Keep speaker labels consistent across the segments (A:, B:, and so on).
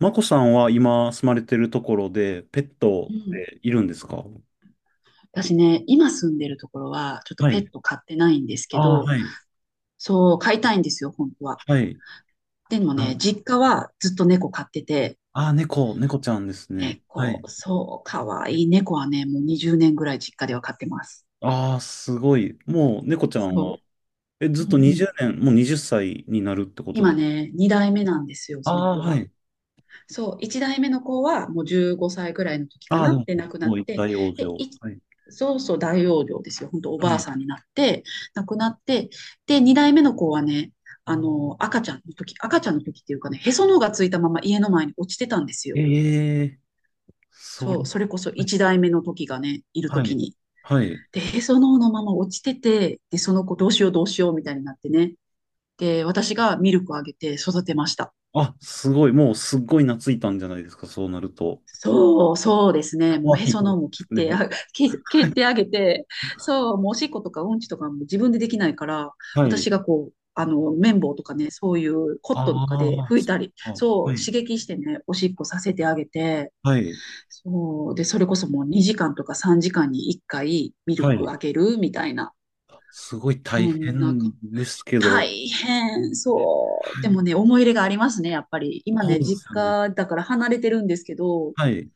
A: マコさんは今住まれてるところで、ペット
B: う
A: っ
B: ん、
A: ているんですか？
B: 私ね、今住んでるところは、ちょっと
A: は
B: ペ
A: い。
B: ット飼ってないんですけ
A: ああ、
B: ど、
A: はい。
B: そう、飼いたいんですよ、本当は。
A: はい。
B: でも
A: あ
B: ね、実家はずっと猫飼ってて、
A: あー、猫ちゃんですね。はい。
B: 猫、そう、かわいい猫はね、もう20年ぐらい実家では飼ってます。
A: ああ、すごい。もう猫ちゃんは、
B: そう。う
A: ず
B: ん
A: っと
B: う
A: 20
B: ん。
A: 年、もう20歳になるってこと
B: 今
A: です？
B: ね、2代目なんですよ、その
A: ああ
B: 子
A: ー、は
B: は。
A: い。
B: そう、1代目の子はもう15歳ぐらいの時か
A: ああ、で
B: な
A: も、
B: で亡
A: す
B: くな
A: ご
B: っ
A: い
B: て、
A: 大往生。
B: で、い
A: はい。
B: そうそう大容量ですよ。本当お
A: は
B: ばあ
A: い。
B: さんになって、亡くなって、で、2代目の子はね、赤ちゃんの時、赤ちゃんの時っていうかね、へその緒がついたまま家の前に落ちてたんですよ。
A: ええ、そ
B: そ
A: れ、
B: う、それこそ
A: はい。
B: 1代目の時がね、いる
A: は
B: 時
A: い。
B: に。
A: はい。
B: で、へその緒のまま落ちてて、で、その子どうしようどうしようみたいになってね。で、私がミルクあげて育てました。
A: あ、すごい。もうすっごい懐いたんじゃないですか、そうなると。
B: そう、そうですね。
A: か
B: もう
A: わ
B: へ
A: いい
B: そ
A: で
B: の緒も切っ
A: す
B: て、
A: ね。
B: 蹴
A: は
B: っ
A: い。
B: てあげて、そう、もうおしっことかうんちとかも自分でできないから、
A: はい。
B: 私がこう、綿棒とかね、そういうコットンとかで
A: ああ、
B: 拭い
A: そ
B: たり、
A: っか。
B: そ
A: は
B: う、
A: い。
B: 刺激してね、おしっこさせてあげて、
A: はい。
B: そう、で、それこそもう2時間とか3時間に1回ミル
A: は
B: ク
A: い。
B: あげるみたいな、
A: すごい
B: そ
A: 大
B: んな
A: 変
B: か、
A: ですけど。
B: 大変、そう。
A: は
B: でも
A: い。
B: ね、思い入れがありますね、やっぱり。今
A: そう
B: ね、
A: で
B: 実
A: すよね。
B: 家だから離れてるんですけど、
A: はい。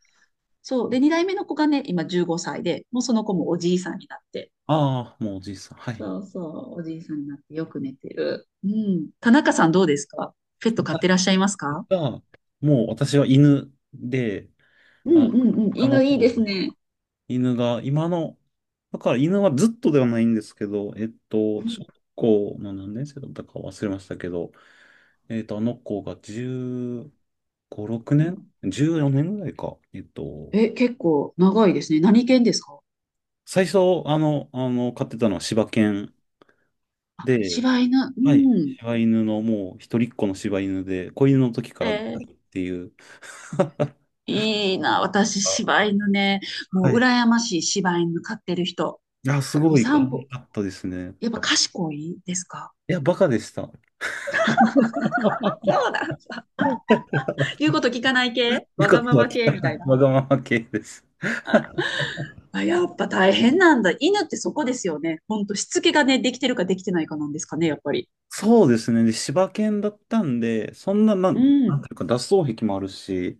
B: そう。で、2代目の子がね、今15歳で、もうその子もおじいさんになって。
A: ああ、もうおじいさん。はい。
B: そうそう、おじいさんになってよく寝てる。うん。田中さんどうですか？ペット飼ってらっ
A: 私
B: しゃいますか？
A: が、もう私は犬で、
B: うんう
A: あ、
B: んうん。
A: 他の
B: 犬
A: 方、
B: いいですね。
A: 犬が、今の、だから犬はずっとではないんですけど、
B: う
A: 小
B: ん
A: 学校の何年生だったか忘れましたけど、あの子が15、6
B: うん。
A: 年 14 年ぐらいか。
B: え、結構長いですね。何犬ですか？
A: 最初、飼ってたのは柴犬
B: あ、
A: で、
B: 柴犬。う
A: はい、
B: ん。
A: 柴犬のもう一人っ子の柴犬で、子犬の時か
B: え
A: らのっ
B: ー
A: ていう。
B: いいな、私、柴犬ね。も
A: は
B: う、
A: い。い
B: 羨ましい柴犬飼ってる人。
A: や、す
B: もう
A: ごい可
B: 散
A: 愛
B: 歩、
A: かったですね。
B: やっぱ賢いですか？
A: いや、バカでした。
B: そうなんだ。言うこと聞かない系
A: よ
B: わ
A: かっ
B: がま
A: たわ
B: ま
A: け。
B: 系みたい な。
A: わがまま系です。
B: あ、やっぱ大変なんだ。犬ってそこですよね。ほんと、しつけがね、できてるかできてないかなんですかね、やっぱり。
A: そうですね。で、柴犬だったんで、そんな、なん、
B: う
A: なん
B: ん、
A: ていうか、脱走癖もあるし、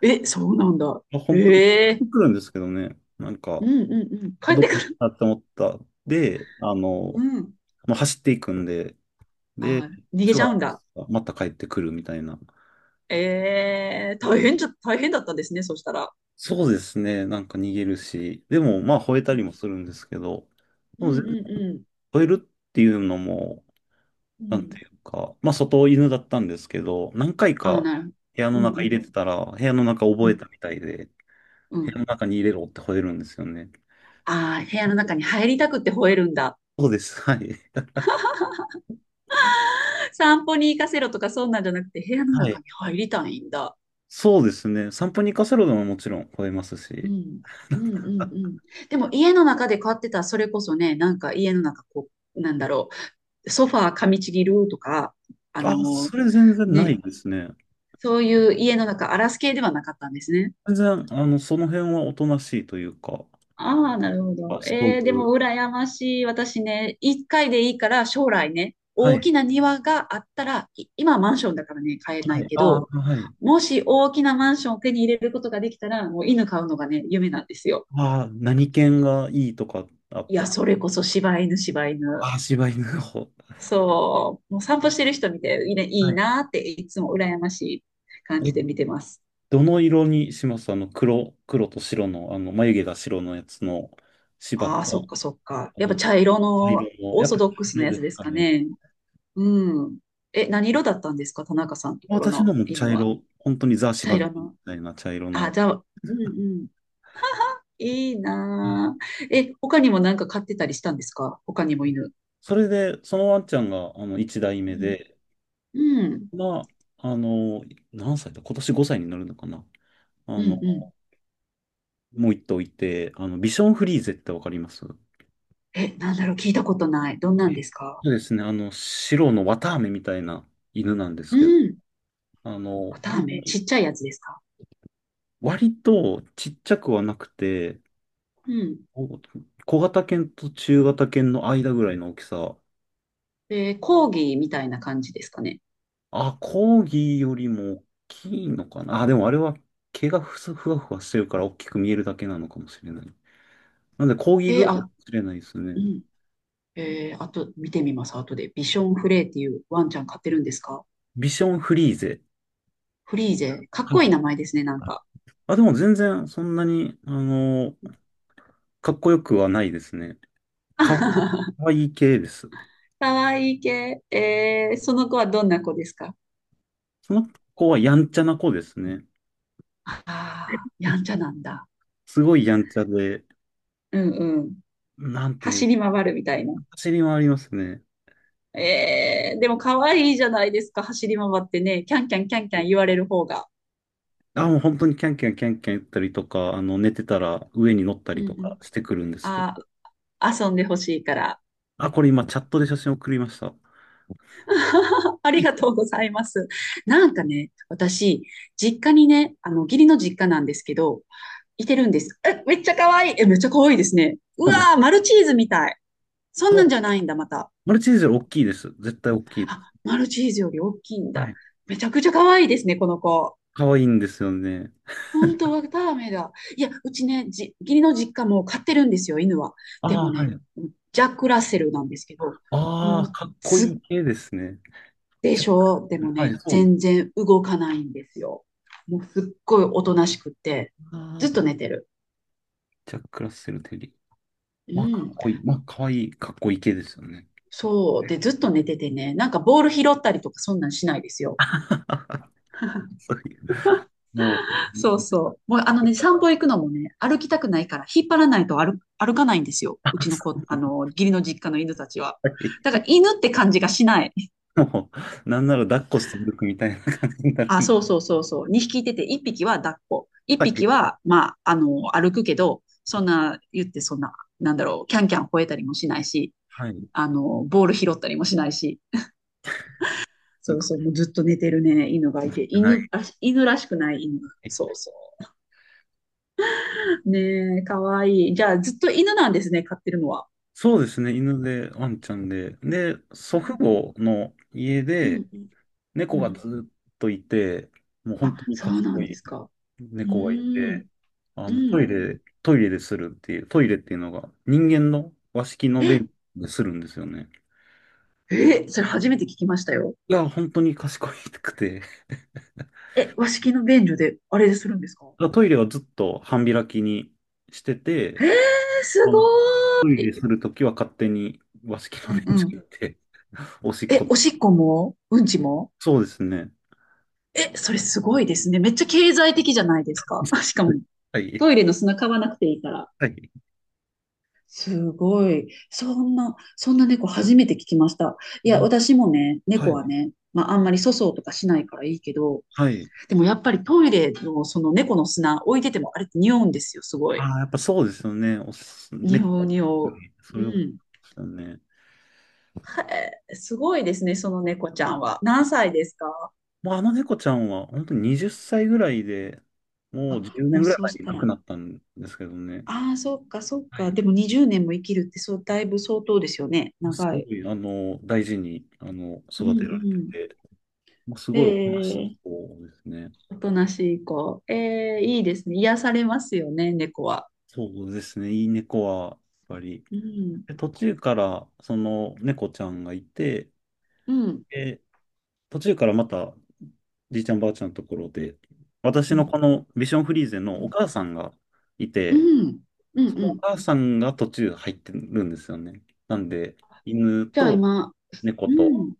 B: え、そうなんだ。
A: まあ本当に
B: え
A: 隠れ
B: え、
A: てくるんですけどね。なん
B: う
A: か、
B: んうんうん。
A: あ、
B: 帰っ
A: ど
B: て
A: こ
B: く
A: 行っ
B: る。
A: たって思った。で、
B: うん。
A: まあ、走っていくんで、で、
B: あー、逃げ
A: 人
B: ちゃうん
A: が
B: だ。
A: また帰ってくるみたいな。
B: ええ、大変だったんですね、そしたら。
A: そうですね。なんか逃げるし、でもまあ吠えた
B: う
A: りもするんですけど、
B: ん
A: もう全然
B: うんう
A: 吠えるっていうのも、
B: んう
A: なんて
B: ん。
A: いうか、まあ外犬だったんですけど、何回
B: ああ、
A: か
B: なる
A: 部屋
B: ほど。
A: の
B: うんう
A: 中入
B: ん。
A: れてたら、部屋の中
B: う
A: 覚え
B: ん
A: たみたいで、
B: う
A: 部屋
B: ん。
A: の中に入れろって吠えるんですよね。
B: ああ、部屋の中に入りたくって吠えるんだ。
A: そうです。はい。
B: 散歩に行かせろとかそんなんじゃなくて、部屋の
A: は
B: 中
A: い。
B: に入りたいんだ。
A: そうですね。散歩に行かせろでももちろん吠えます
B: う
A: し。
B: ん。うんうん
A: あ、
B: うん。でも家の中で飼ってたらそれこそね、なんか家の中こう、なんだろう、ソファー噛みちぎるとか、あ
A: あ、
B: の
A: それ全然な
B: ね、
A: いですね。
B: そういう家の中荒らす系ではなかったんですね。
A: 全然、その辺はおとなしいというか、
B: ああ、なるほ
A: あ、
B: ど。
A: ストー
B: で
A: ブ。
B: も羨ましい。私ね、一回でいいから将来ね、
A: は
B: 大
A: い。
B: きな庭があったら、今はマンションだからね、買えな
A: は
B: い
A: い。
B: け
A: あ
B: ど、
A: あ、はい。
B: もし大きなマンションを手に入れることができたら、もう犬飼うのがね、夢なんですよ。
A: ああ、何犬がいいとかあっ
B: いや、
A: た？
B: それこそ柴犬、柴犬。
A: ああ、柴犬の方。
B: そう、もう散歩してる人見ていいね、い
A: は
B: い
A: い。
B: なっていつも羨ましい感
A: え、
B: じで見てます。
A: どの色にします？黒、黒と白の、眉毛が白のやつの柴
B: ああ、そっ
A: と、
B: かそっか。
A: あ
B: やっぱ
A: の、
B: 茶色
A: 茶
B: の
A: 色の、
B: オー
A: やっ
B: ソ
A: ぱ茶
B: ドックスな
A: 色
B: や
A: で
B: つ
A: す
B: です
A: か
B: か
A: ね。
B: ね。うん。え、何色だったんですか田中さんのところ
A: 私の
B: の
A: も茶
B: 犬は。
A: 色、本当にザ
B: 茶
A: 柴犬
B: 色
A: み
B: の。
A: たいな茶色
B: あ、
A: の。
B: じゃあ、うんうん。いい
A: はい。
B: なー。え、他にもなんか飼ってたりしたんですか？他にも犬。
A: それで、そのワンちゃんが、一代
B: う
A: 目
B: ん。
A: で、
B: うん。
A: まあ、何歳だ、今年5歳になるのかな。あ
B: うん
A: の、
B: うん。
A: もう一頭いて、ビションフリーゼってわかります？そ
B: え、なんだろう、聞いたことない。どんなんですか？
A: うですね。白の綿あめみたいな犬なんです
B: う
A: けど、
B: ん。タ
A: 本当
B: メち
A: に
B: っちゃいやつですか？
A: 割とちっちゃくはなくて、
B: うん。
A: こ小型犬と中型犬の間ぐらいの大きさ。
B: 講義みたいな感じですかね。
A: あ、コーギーよりも大きいのかな。あ、でもあれは毛がふわふわしてるから大きく見えるだけなのかもしれない。なんでコーギーぐ
B: えー
A: らいかも
B: あ、
A: しれないです
B: う
A: ね。
B: ん。あと、見てみます。後で。ビションフレーっていうワンちゃん飼ってるんですか？
A: ビションフリーゼ。
B: フリーゼ。かっ
A: は
B: こいい
A: い。
B: 名前ですね、なんか。
A: あ、でも全然そんなに、かっこよくはないですね。かわい かわいい系です。
B: かわいい系。その子はどんな子ですか？
A: その子はやんちゃな子ですね。
B: ああー、
A: う
B: や
A: ん。
B: んちゃなんだ。
A: すごいやんちゃで、
B: うんうん。
A: なんとい
B: 走
A: う、
B: り回るみたいな。
A: 走り回りますね。
B: でもかわいいじゃないですか、走り回ってね。キャンキャンキャンキャン言われる方が。
A: あ、もう本当にキャンキャンキャンキャン言ったりとか、寝てたら上に乗った
B: う
A: り
B: ん
A: と
B: う
A: か
B: ん。
A: してくるんですけど。
B: あー、遊んでほしいから。
A: あ、これ今チャットで写真送りました。は
B: あり
A: い。
B: がとうございます。なんかね、私、実家にね、義理の実家なんですけど、いてるんです。え、めっちゃ可愛い。え、めっちゃ可愛いですね。う
A: そ
B: わ
A: うなん
B: ー、マルチーズみたい。そん
A: そ
B: なん
A: う、
B: じゃないんだ、また。
A: マルチーズより大きいです。絶対大きい。
B: あ、マルチーズより大きいん
A: は
B: だ。
A: い。
B: めちゃくちゃ可愛いですね、この子。
A: 可愛いんですよね。
B: 本当はダメだ。いや、うちね、義理の実家も飼ってるんですよ、犬は。で
A: ああ、
B: も
A: は
B: ね、
A: い。
B: ジャック・ラッセルなんですけど、
A: あ
B: もう、
A: あ、かっこ
B: すっ
A: いい系ですね。
B: でしょう？でも
A: はい、
B: ね、
A: そうです。
B: 全然動かないんですよ。もうすっごいおとなしくって、ず
A: ああ、
B: っと寝てる。
A: ジャック・ラッセル・テリー。
B: う
A: まあ、かっ
B: ん。
A: こいい。まあ、かわいい、かっこいい系ですよね。
B: そう。で、ずっと寝ててね、なんかボール拾ったりとかそんなんしないですよ。
A: そういう、もう、
B: そうそう。もう散歩行くのもね、歩きたくないから引っ張らないと歩かないんですよ。う
A: あ
B: ちの
A: そ
B: 子、義理の実家の犬たちは。
A: うい
B: だから犬って感じがしない。
A: う、もう、なんなら抱っこして歩くみたいな感じになる
B: あ、
A: んで。
B: そうそうそうそう。2匹いてて、1匹は抱っこ。1
A: は
B: 匹
A: い。
B: は、まあ、歩くけど、そんな、言ってそんな、なんだろう、キャンキャン吠えたりもしないし、
A: はい。
B: ボール拾ったりもしないし、
A: す
B: そう
A: ごく
B: そう、もうずっと寝てるね、犬がいて、
A: ない。
B: 犬らしくない犬。そうそう。ねえ、かわいい。じゃあ、ずっと犬なんですね、飼ってるのは。
A: そうですね、犬で、ワンちゃんで。で、祖父
B: う
A: 母の家
B: ん、う
A: で、
B: ん、うん。
A: 猫
B: う
A: が
B: ん、
A: ずっといて、もう本当
B: あ、
A: に
B: そう
A: 賢
B: なんで
A: い。
B: すか。う
A: 猫がい
B: ーん、
A: て、
B: う
A: トイ
B: ん。
A: レ、トイレでするっていう、トイレっていうのが人間の和式の便
B: え、
A: でするんですよね。
B: え、それ初めて聞きましたよ。
A: いや、本当に賢くて。だか
B: え、和式の便所で、あれするんですか？
A: らトイレはずっと半開きにして
B: え
A: て、
B: ー、す
A: あ
B: ご
A: のトイ
B: ー
A: レ
B: い。
A: するときは勝手に和式
B: う
A: の
B: ん
A: 便
B: う
A: 所
B: ん。
A: 行って、おしっ
B: え、
A: こ。
B: おしっこもうんちも？
A: そうですね。
B: え、それすごいですね。めっちゃ経済的じゃないですか。しかも、
A: はい。
B: トイレの砂買わなくていいから。
A: はい。
B: すごい。そんな、そんな猫初めて聞きました。いや、
A: わ
B: 私もね、
A: は
B: 猫
A: い。
B: はね、まあ、あんまり粗相とかしないからいいけど、
A: はい。
B: でもやっぱりトイレのその猫の砂置いててもあれって匂うんですよ、すごい。
A: ああ、やっぱそうですよね。
B: 匂う
A: 猫、
B: 匂う。
A: そ
B: う
A: れを、
B: ん。
A: そうですよね。
B: へえ、すごいですね、その猫ちゃんは。何歳ですか？
A: まあ、あの猫ちゃんは本当に20歳ぐらいで、
B: あ、
A: もう10
B: も
A: 年
B: う
A: ぐらい
B: そう
A: 前
B: し
A: に
B: た
A: 亡く
B: ら、
A: なったんですけどね。
B: ああ、そっか、そっ
A: は
B: か。
A: い。
B: でも20年も生きるって、そう、だいぶ相当ですよね。
A: す
B: 長
A: ご
B: い。
A: い、大事に、
B: うん
A: 育て
B: う
A: られて
B: ん。
A: て、まあ、すごいおとなしい
B: ええ、
A: 子ですね。
B: おとなしい子。ええ、いいですね。癒されますよね、猫は。
A: そうですね、いい猫は、やっぱり。
B: うん、
A: で、途中から、その、猫ちゃんがいて、
B: うん、
A: で、途中からまた、じいちゃんばあちゃんのところで、
B: う
A: 私の
B: ん、
A: このビションフリーゼ
B: う
A: のお
B: ん、
A: 母さんがい
B: う
A: て、
B: ん、う
A: そ
B: ん。う
A: のお
B: ん。
A: 母さんが途中入ってるんですよね。なんで、犬
B: じゃあ
A: と
B: 今、
A: 猫
B: う
A: と、
B: ん。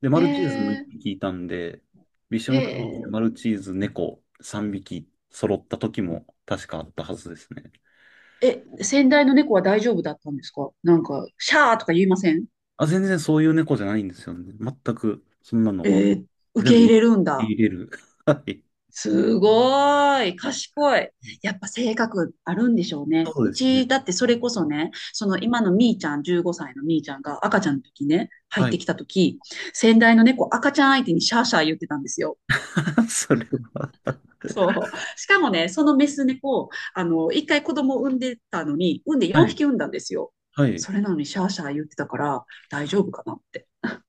A: で、マ
B: え
A: ルチーズ1
B: え
A: 匹いたんで、ビションフリーで
B: え
A: マルチーズ、猫3匹揃った時も確かあったはずですね。
B: ええ、先代の猫は大丈夫だったんですか？なんか、シャーとか言いません？
A: あ、全然そういう猫じゃないんですよね。全くそんなのは
B: ええ、受
A: 全
B: け
A: 部
B: 入れるんだ。
A: 入れる。はい。
B: すごい、賢い。やっぱ性格あるんでしょうね。
A: そう
B: う
A: ですね。
B: ち、だってそれこそね、その今のみーちゃん、15歳のみーちゃんが赤ちゃんの時ね、入っ
A: は
B: て
A: い。
B: きた時、先代の猫赤ちゃん相手にシャーシャー言ってたんですよ。
A: それは。
B: そう。しかもね、そのメス猫、一回子供を産んでたのに、産んで
A: は
B: 4
A: い。
B: 匹産んだんですよ。
A: はい。
B: それなのにシャーシャー言ってたから、大丈夫かなって。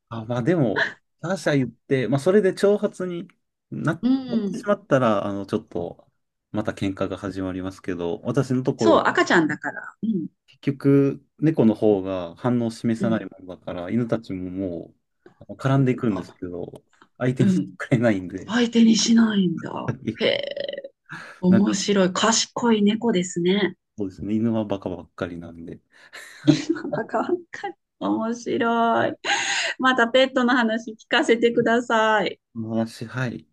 A: あ、まあでも、他社言って、まあそれで挑発になっ
B: う
A: てし
B: ん。
A: まったら、ちょっと、また喧嘩が始まりますけど、私のとこ
B: そ
A: ろ、
B: う、赤ちゃんだから。うん。
A: 結局、猫の方が反応を示
B: う
A: さない
B: ん。
A: もんだから、犬たちももう、絡んでいくんで
B: あ、
A: すけど、相手
B: う
A: にして
B: ん。
A: くれないんで、
B: 相手にしないんだ。へ え。
A: なんか、
B: 面白い。賢い猫ですね。
A: そうですね、犬はバカばっかりなんで、
B: なんか、面白い。またペットの話聞かせてください。
A: まあ私、はい、